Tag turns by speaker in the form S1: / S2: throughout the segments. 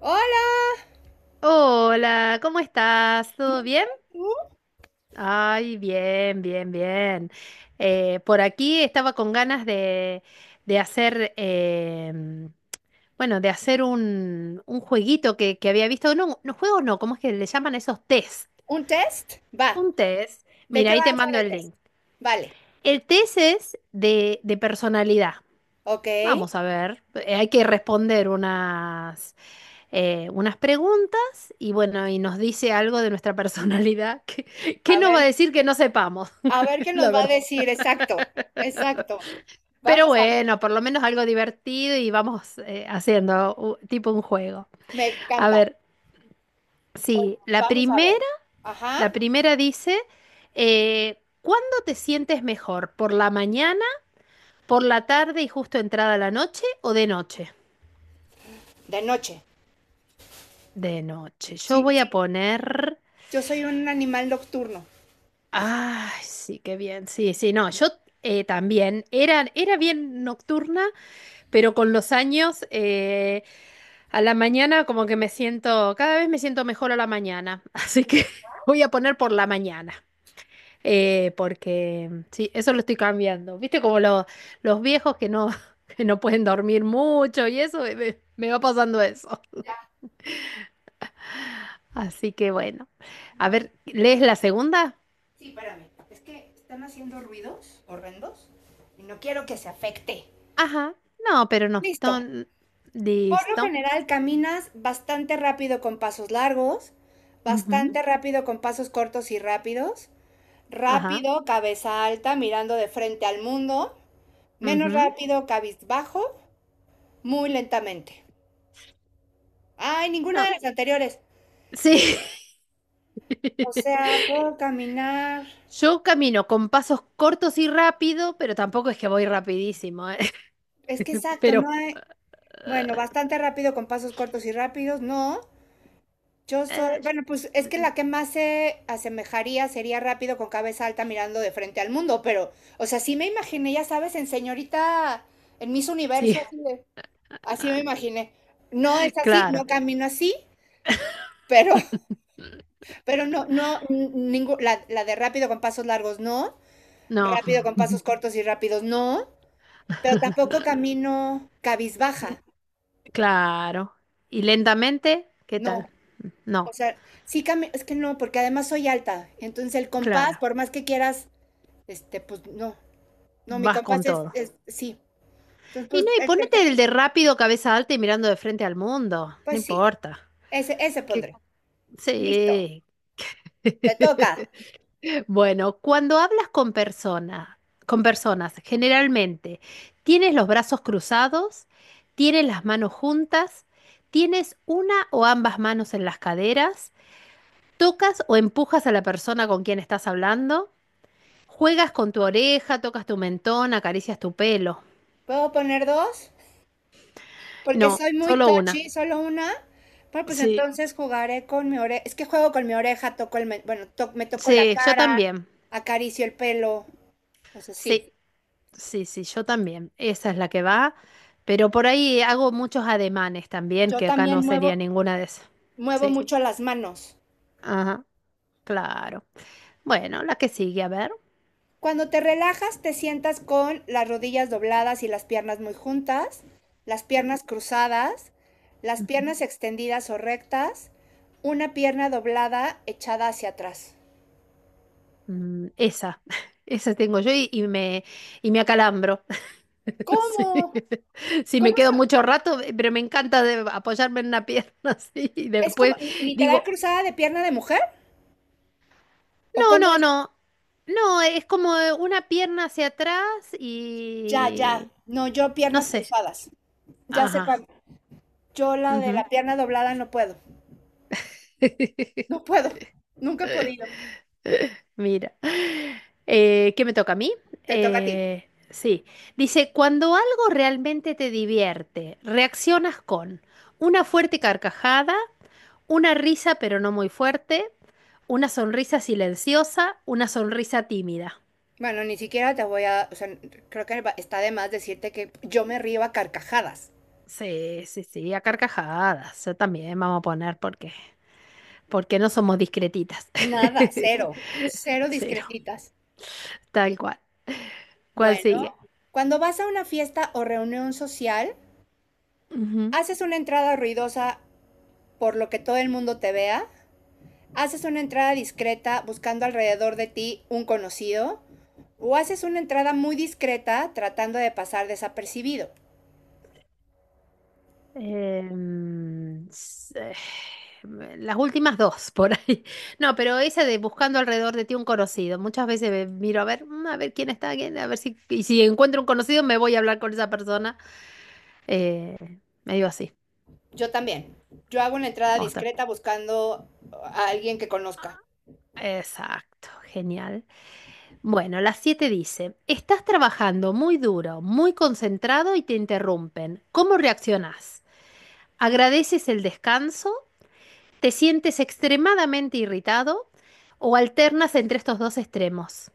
S1: Hola.
S2: Hola, ¿cómo estás? ¿Todo bien? Ay, bien, bien, bien. Por aquí estaba con ganas de hacer, bueno, de hacer un jueguito que había visto. No, no juegos no, ¿cómo es que le llaman esos test?
S1: ¿Un test? Va.
S2: Un test.
S1: ¿De
S2: Mira,
S1: qué
S2: ahí
S1: va
S2: te
S1: a ser
S2: mando
S1: el
S2: el
S1: test?
S2: link.
S1: Vale.
S2: El test es de personalidad.
S1: Ok.
S2: Vamos a ver, hay que responder unas unas preguntas y bueno, y nos dice algo de nuestra personalidad. que qué
S1: A
S2: nos va a
S1: ver,
S2: decir que no sepamos,
S1: a ver qué
S2: la
S1: nos va a
S2: verdad?
S1: decir. Exacto. Exacto.
S2: Pero
S1: Vamos a ver.
S2: bueno, por lo menos algo divertido y vamos haciendo tipo un juego.
S1: Me
S2: A
S1: encanta.
S2: ver,
S1: Oye,
S2: sí,
S1: vamos a ver. Ajá.
S2: la primera dice, ¿cuándo te sientes mejor? ¿Por la mañana, por la tarde y justo entrada la noche o de noche?
S1: De noche.
S2: De noche. Yo
S1: Sí,
S2: voy a
S1: sí.
S2: poner.
S1: Yo soy un animal nocturno.
S2: Ay, sí, qué bien. Sí, sí, no, yo también era bien nocturna, pero con los años a la mañana como que me siento, cada vez me siento mejor a la mañana, así que voy a poner por la mañana, porque sí, eso lo estoy cambiando. Viste como los viejos que no, que no pueden dormir mucho y eso, me va pasando eso. Así que bueno, a ver, ¿lees la segunda?
S1: Sí, espérame. Es que están haciendo ruidos horrendos y no quiero que se afecte.
S2: Ajá, no, pero no,
S1: Listo.
S2: no,
S1: Por lo
S2: listo.
S1: general caminas bastante rápido con pasos largos,
S2: Ujú.
S1: bastante rápido con pasos cortos y rápidos,
S2: Ajá.
S1: rápido, cabeza alta, mirando de frente al mundo, menos
S2: Ujú.
S1: rápido, cabizbajo, muy lentamente. Ay, ninguna de
S2: No,
S1: las anteriores.
S2: sí.
S1: O sea, puedo caminar.
S2: Yo camino con pasos cortos y rápido, pero tampoco es que voy rapidísimo, ¿eh?
S1: Es que exacto, no
S2: Pero,
S1: hay. Bueno, bastante rápido con pasos cortos y rápidos, no. Yo soy,
S2: eh,
S1: bueno, pues es
S2: yo-
S1: que la que más se asemejaría sería rápido con cabeza alta mirando de frente al mundo, pero, o sea, sí me imaginé, ya sabes, en señorita, en Miss
S2: sí,
S1: Universo, así, así me imaginé. No es así, no
S2: claro.
S1: camino así, pero, pero no, no, la de rápido con pasos largos, no,
S2: No.
S1: rápido con pasos cortos y rápidos, no, pero tampoco camino
S2: N-
S1: cabizbaja,
S2: Claro. ¿Y lentamente? ¿Qué tal?
S1: no.
S2: No,
S1: O sea, sí, es que no, porque además soy alta. Entonces el compás,
S2: claro.
S1: por más que quieras. Este, pues no, no, mi
S2: Vas con
S1: compás es,
S2: todo.
S1: es sí. Entonces,
S2: Y
S1: pues
S2: no, y
S1: el
S2: ponete
S1: tercero,
S2: el de rápido, cabeza alta y mirando de frente al mundo. No
S1: pues sí,
S2: importa.
S1: ese
S2: Que,
S1: pondré. Listo,
S2: sí.
S1: te toca.
S2: Bueno, cuando hablas con personas, generalmente, ¿tienes los brazos cruzados? ¿Tienes las manos juntas? ¿Tienes una o ambas manos en las caderas? ¿Tocas o empujas a la persona con quien estás hablando? ¿Juegas con tu oreja, tocas tu mentón, acaricias tu pelo?
S1: ¿Puedo poner dos? Porque
S2: No,
S1: soy muy
S2: solo una.
S1: touchy, solo una. Bueno, pues
S2: Sí,
S1: entonces jugaré con mi oreja. Es que juego con mi oreja, toco el, bueno, me toco la
S2: sí, yo
S1: cara,
S2: también.
S1: acaricio el pelo, o sea, sí.
S2: Sí. Sí, sí, yo también. Esa es la que va. Pero por ahí hago muchos ademanes también,
S1: Yo
S2: que acá no
S1: también
S2: sería ninguna de esas.
S1: muevo
S2: Sí,
S1: mucho las manos.
S2: ajá, claro. Bueno, la que sigue, a ver.
S1: Cuando te relajas, te sientas con las rodillas dobladas y las piernas muy juntas, las piernas cruzadas, las
S2: Ujú.
S1: piernas extendidas o rectas, una pierna doblada echada hacia atrás.
S2: Mm, esa, esa tengo yo y me acalambro. Sí.
S1: ¿Cómo?
S2: Sí, me
S1: ¿Cómo
S2: quedo
S1: se-
S2: mucho rato, pero me encanta apoyarme en una pierna así. Y
S1: es como
S2: después
S1: literal
S2: digo,
S1: cruzada de pierna de mujer? ¿O
S2: no,
S1: cómo
S2: no,
S1: es?
S2: no. No, es como una pierna hacia atrás
S1: Ya, ya.
S2: y...
S1: No, yo
S2: No
S1: piernas
S2: sé.
S1: cruzadas. Ya sé
S2: Ajá.
S1: cuál. Yo la de
S2: Ujú.
S1: la pierna doblada no puedo. No puedo. Nunca he podido.
S2: Mira. ¿Qué me toca a mí?
S1: Te toca a ti.
S2: Sí. Dice, cuando algo realmente te divierte, reaccionas con una fuerte carcajada, una risa pero no muy fuerte, una sonrisa silenciosa, una sonrisa tímida.
S1: Bueno, ni siquiera te voy a, o sea, creo que está de más decirte que yo me río a carcajadas.
S2: Sí, sí, sí, a carcajadas. Yo también vamos a poner porque, no somos discretitas.
S1: Nada, cero, cero
S2: Cero,
S1: discretitas.
S2: tal cual. ¿Cuál
S1: Bueno,
S2: sigue?
S1: cuando vas a una fiesta o reunión social,
S2: Ujú.
S1: haces una entrada ruidosa por lo que todo el mundo te vea, haces una entrada discreta buscando alrededor de ti un conocido, o haces una entrada muy discreta tratando de pasar desapercibido.
S2: Em, s- eh, las últimas dos por ahí. No, pero esa de buscando alrededor de ti un conocido. Muchas veces miro a ver quién está, quién, a ver si, y si encuentro un conocido me voy a hablar con esa persona. Eh, medio así.
S1: Yo también. Yo hago una entrada
S2: Vamos a
S1: discreta buscando a alguien que conozca.
S2: ver. Exacto, genial. Bueno, las siete dice, estás trabajando muy duro, muy concentrado y te interrumpen. ¿Cómo reaccionás? ¿Agradeces el descanso? ¿Te sientes extremadamente irritado o alternas entre estos dos extremos?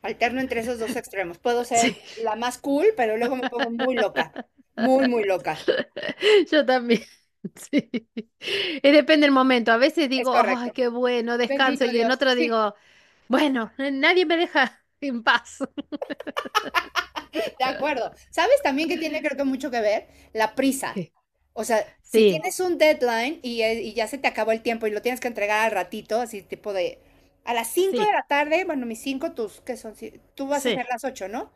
S1: Alterno entre esos dos extremos. Puedo
S2: Sí,
S1: ser la más cool, pero luego me pongo muy loca. Muy, muy loca.
S2: yo también. Sí. Depende del momento. A veces
S1: Es
S2: digo, ay,
S1: correcto.
S2: qué bueno,
S1: Bendito
S2: descanso. Y en
S1: Dios.
S2: otro
S1: Sí,
S2: digo, bueno, nadie me deja en paz.
S1: de acuerdo. ¿Sabes también que tiene creo que mucho que ver? La prisa.
S2: ¿Qué?
S1: O sea, si
S2: Sí,
S1: tienes un deadline y ya se te acabó el tiempo y lo tienes que entregar al ratito, así tipo de a las cinco de
S2: sí,
S1: la tarde, bueno, mis 5, tus, ¿qué son? Tú vas a
S2: sí,
S1: hacer las 8, ¿no?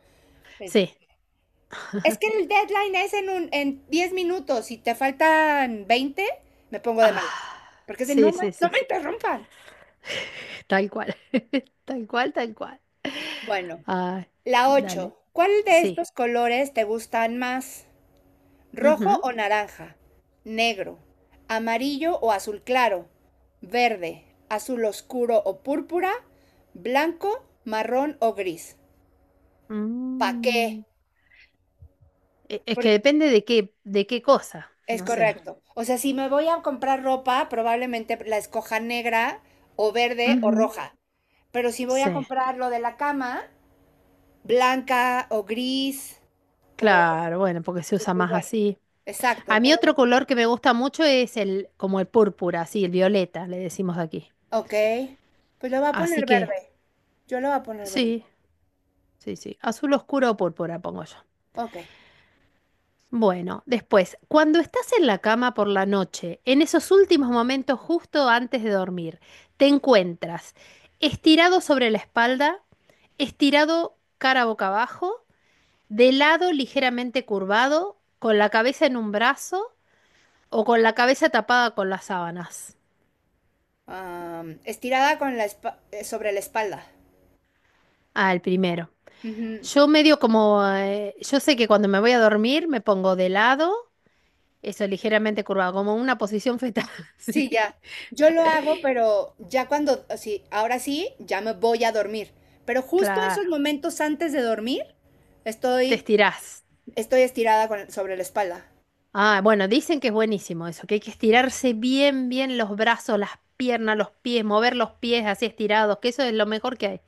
S1: Este,
S2: sí.
S1: es que el deadline es en 10 minutos. Si te faltan 20, me pongo de
S2: Ah,
S1: malas. Porque es de no,
S2: sí, sí, sí,
S1: no me
S2: sí.
S1: interrumpan.
S2: Tal cual. Tal cual, tal cual.
S1: Bueno,
S2: Ay,
S1: la
S2: dale.
S1: 8. ¿Cuál de
S2: Sí.
S1: estos colores te gustan más? ¿Rojo
S2: Ujú.
S1: o naranja? Negro. ¿Amarillo o azul claro? Verde. ¿Azul oscuro o púrpura? ¿Blanco, marrón o gris? ¿Pa' qué?
S2: Mm. Es que depende de qué cosa,
S1: Es
S2: no sé.
S1: correcto. O sea, si me voy a comprar ropa, probablemente la escoja negra o verde o
S2: Ujú.
S1: roja. Pero si voy a
S2: Sí,
S1: comprar lo de la cama, blanca o gris o...
S2: claro, bueno, porque se usa
S1: pues
S2: más
S1: bueno,
S2: así.
S1: exacto,
S2: A mí
S1: pero
S2: otro
S1: bueno.
S2: color que me gusta mucho es el, como el púrpura, así, el violeta, le decimos aquí.
S1: Ok. Pues lo voy a poner
S2: Así que,
S1: verde. Yo lo voy a poner verde.
S2: sí, sí, sí. Azul oscuro o púrpura, pongo yo.
S1: Ok.
S2: Bueno, después, cuando estás en la cama por la noche, en esos últimos momentos justo antes de dormir, te encuentras estirado sobre la espalda, estirado cara boca abajo, de lado ligeramente curvado, con la cabeza en un brazo o con la cabeza tapada con las sábanas.
S1: Am, estirada con sobre la espalda.
S2: Ah, el primero. Yo sé que cuando me voy a dormir me pongo de lado, eso ligeramente curvado, como una posición fetal. Sí.
S1: Sí, ya. Yo lo hago, pero ya cuando, sí, ahora sí, ya me voy a dormir. Pero justo esos
S2: Claro,
S1: momentos antes de dormir,
S2: te
S1: estoy,
S2: estirás.
S1: estoy estirada sobre la espalda.
S2: Ah, bueno, dicen que es buenísimo eso, que hay que estirarse bien, bien los brazos, las piernas, los pies, mover los pies así estirados, que eso es lo mejor que hay.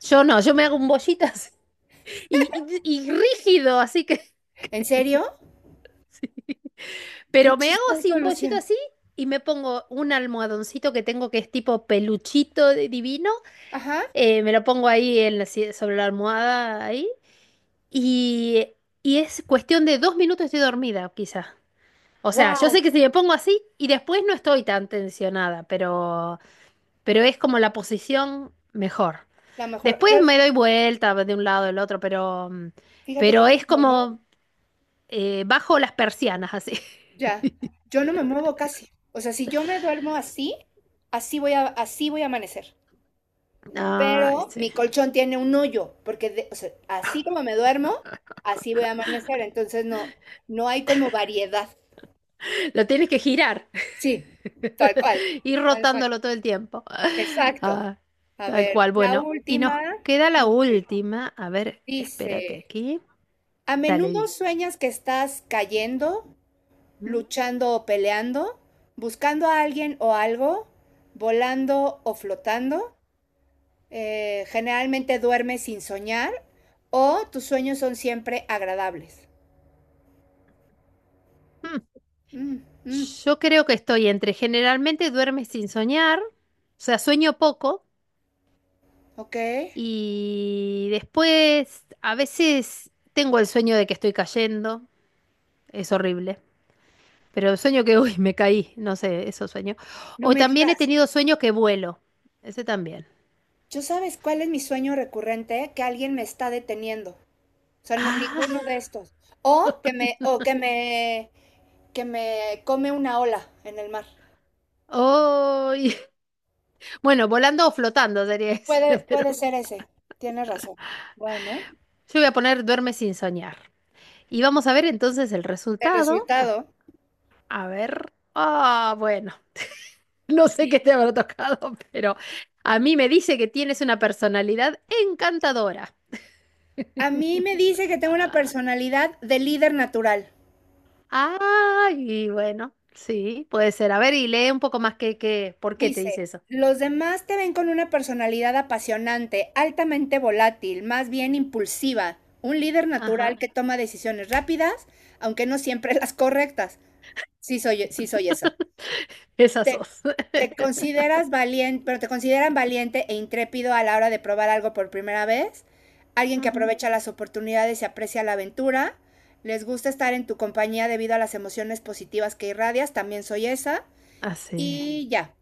S2: Yo no, yo me hago un bollitas y rígido, así que.
S1: ¿En serio? Qué
S2: Pero me hago así,
S1: chistoso,
S2: un bollito
S1: Luciano.
S2: así, y me pongo un almohadoncito que tengo que es tipo peluchito divino.
S1: Ajá.
S2: Me lo pongo ahí en la si- sobre la almohada ahí. Y, y es cuestión de 2 minutos estoy dormida, quizá. O sea, yo sé
S1: Wow.
S2: que si me pongo así y después no estoy tan tensionada, pero, es como la posición mejor.
S1: La mejor.
S2: Después
S1: Yo,
S2: me doy vuelta de un lado al otro, pero, mm,
S1: fíjate que
S2: pero
S1: yo
S2: es
S1: no me muevo.
S2: como bajo las persianas así.
S1: Ya. Yo no me muevo casi. O sea, si yo me duermo así, así voy a amanecer.
S2: Ay,
S1: Pero
S2: sí.
S1: mi colchón tiene un hoyo, porque o sea, así como me duermo, así voy a amanecer, entonces no, no hay como variedad.
S2: Lo tienes que girar.
S1: Sí, tal cual.
S2: Ir
S1: Tal cual.
S2: rotándolo todo el tiempo.
S1: Exacto.
S2: Ah,
S1: A
S2: tal
S1: ver,
S2: cual.
S1: la
S2: Bueno, y nos
S1: última.
S2: queda
S1: Sí.
S2: la última. A ver, espérate
S1: Dice,
S2: aquí.
S1: a
S2: Dale,
S1: menudo
S2: di.
S1: sueñas que estás cayendo,
S2: Mm.
S1: luchando o peleando, buscando a alguien o algo, volando o flotando. Generalmente duermes sin soñar o tus sueños son siempre agradables.
S2: Mm.
S1: Mm, mm,
S2: Yo creo que estoy entre generalmente duermes sin soñar, o sea, sueño poco,
S1: ok.
S2: y después a veces tengo el sueño de que estoy cayendo, es horrible, pero el sueño que, uy, me caí, no sé, eso sueño.
S1: No
S2: O
S1: me
S2: también he
S1: digas.
S2: tenido sueños que vuelo, ese también.
S1: ¿Yo sabes cuál es mi sueño recurrente? Que alguien me está deteniendo. O sea, no- ninguno
S2: Ah.
S1: de estos. O que me come una ola en el mar.
S2: Ay. Bueno, volando o flotando sería ese,
S1: Puede,
S2: pero
S1: puede ser ese. Tienes razón. Bueno,
S2: yo voy a poner duerme sin soñar. Y vamos a ver entonces el
S1: el
S2: resultado.
S1: resultado.
S2: A ver. Ah, bueno, no sé qué te habrá tocado, pero a mí me dice que tienes una personalidad encantadora.
S1: A mí me dice que tengo una personalidad de líder natural.
S2: Ah, y bueno, sí, puede ser. A ver, y lee un poco más que, ¿por qué te
S1: Dice,
S2: dice eso?
S1: los demás te ven con una personalidad apasionante, altamente volátil, más bien impulsiva, un líder natural
S2: Ajá,
S1: que toma decisiones rápidas, aunque no siempre las correctas. Sí soy esa.
S2: esas
S1: Te,
S2: dos.
S1: te consideras valiente, pero te consideran valiente e intrépido a la hora de probar algo por primera vez, alguien que
S2: Ujú.
S1: aprovecha las oportunidades y aprecia la aventura. Les gusta estar en tu compañía debido a las emociones positivas que irradias, también soy esa.
S2: Así.
S1: Y ya.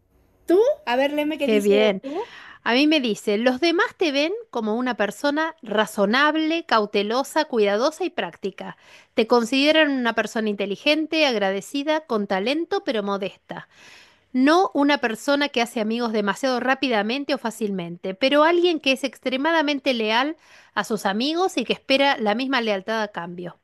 S1: ¿Tú? A ver, léeme qué
S2: Qué
S1: dice
S2: bien.
S1: tú.
S2: A mí me dice, los demás te ven como una persona razonable, cautelosa, cuidadosa y práctica. Te consideran una persona inteligente, agradecida, con talento, pero modesta. No una persona que hace amigos demasiado rápidamente o fácilmente, pero alguien que es extremadamente leal a sus amigos y que espera la misma lealtad a cambio.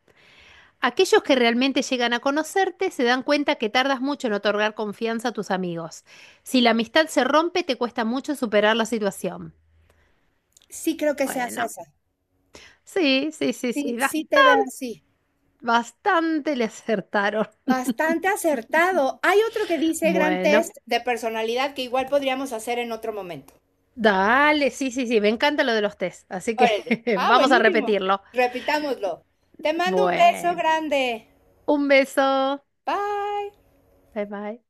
S2: Aquellos que realmente llegan a conocerte se dan cuenta que tardas mucho en otorgar confianza a tus amigos. Si la amistad se rompe, te cuesta mucho superar la situación.
S1: Sí creo que seas
S2: Bueno,
S1: esa.
S2: sí, sí, sí,
S1: Sí,
S2: sí,
S1: sí te veo así.
S2: bastante le acertaron.
S1: Bastante acertado. Hay otro que dice gran
S2: Bueno,
S1: test de personalidad que igual podríamos hacer en otro momento.
S2: dale, sí, sí, sí, me encanta lo de los test, así que
S1: Órale. Ah,
S2: vamos a
S1: buenísimo.
S2: repetirlo.
S1: Repitámoslo. Te mando un beso
S2: Bueno,
S1: grande.
S2: un beso,
S1: Bye.
S2: bye bye.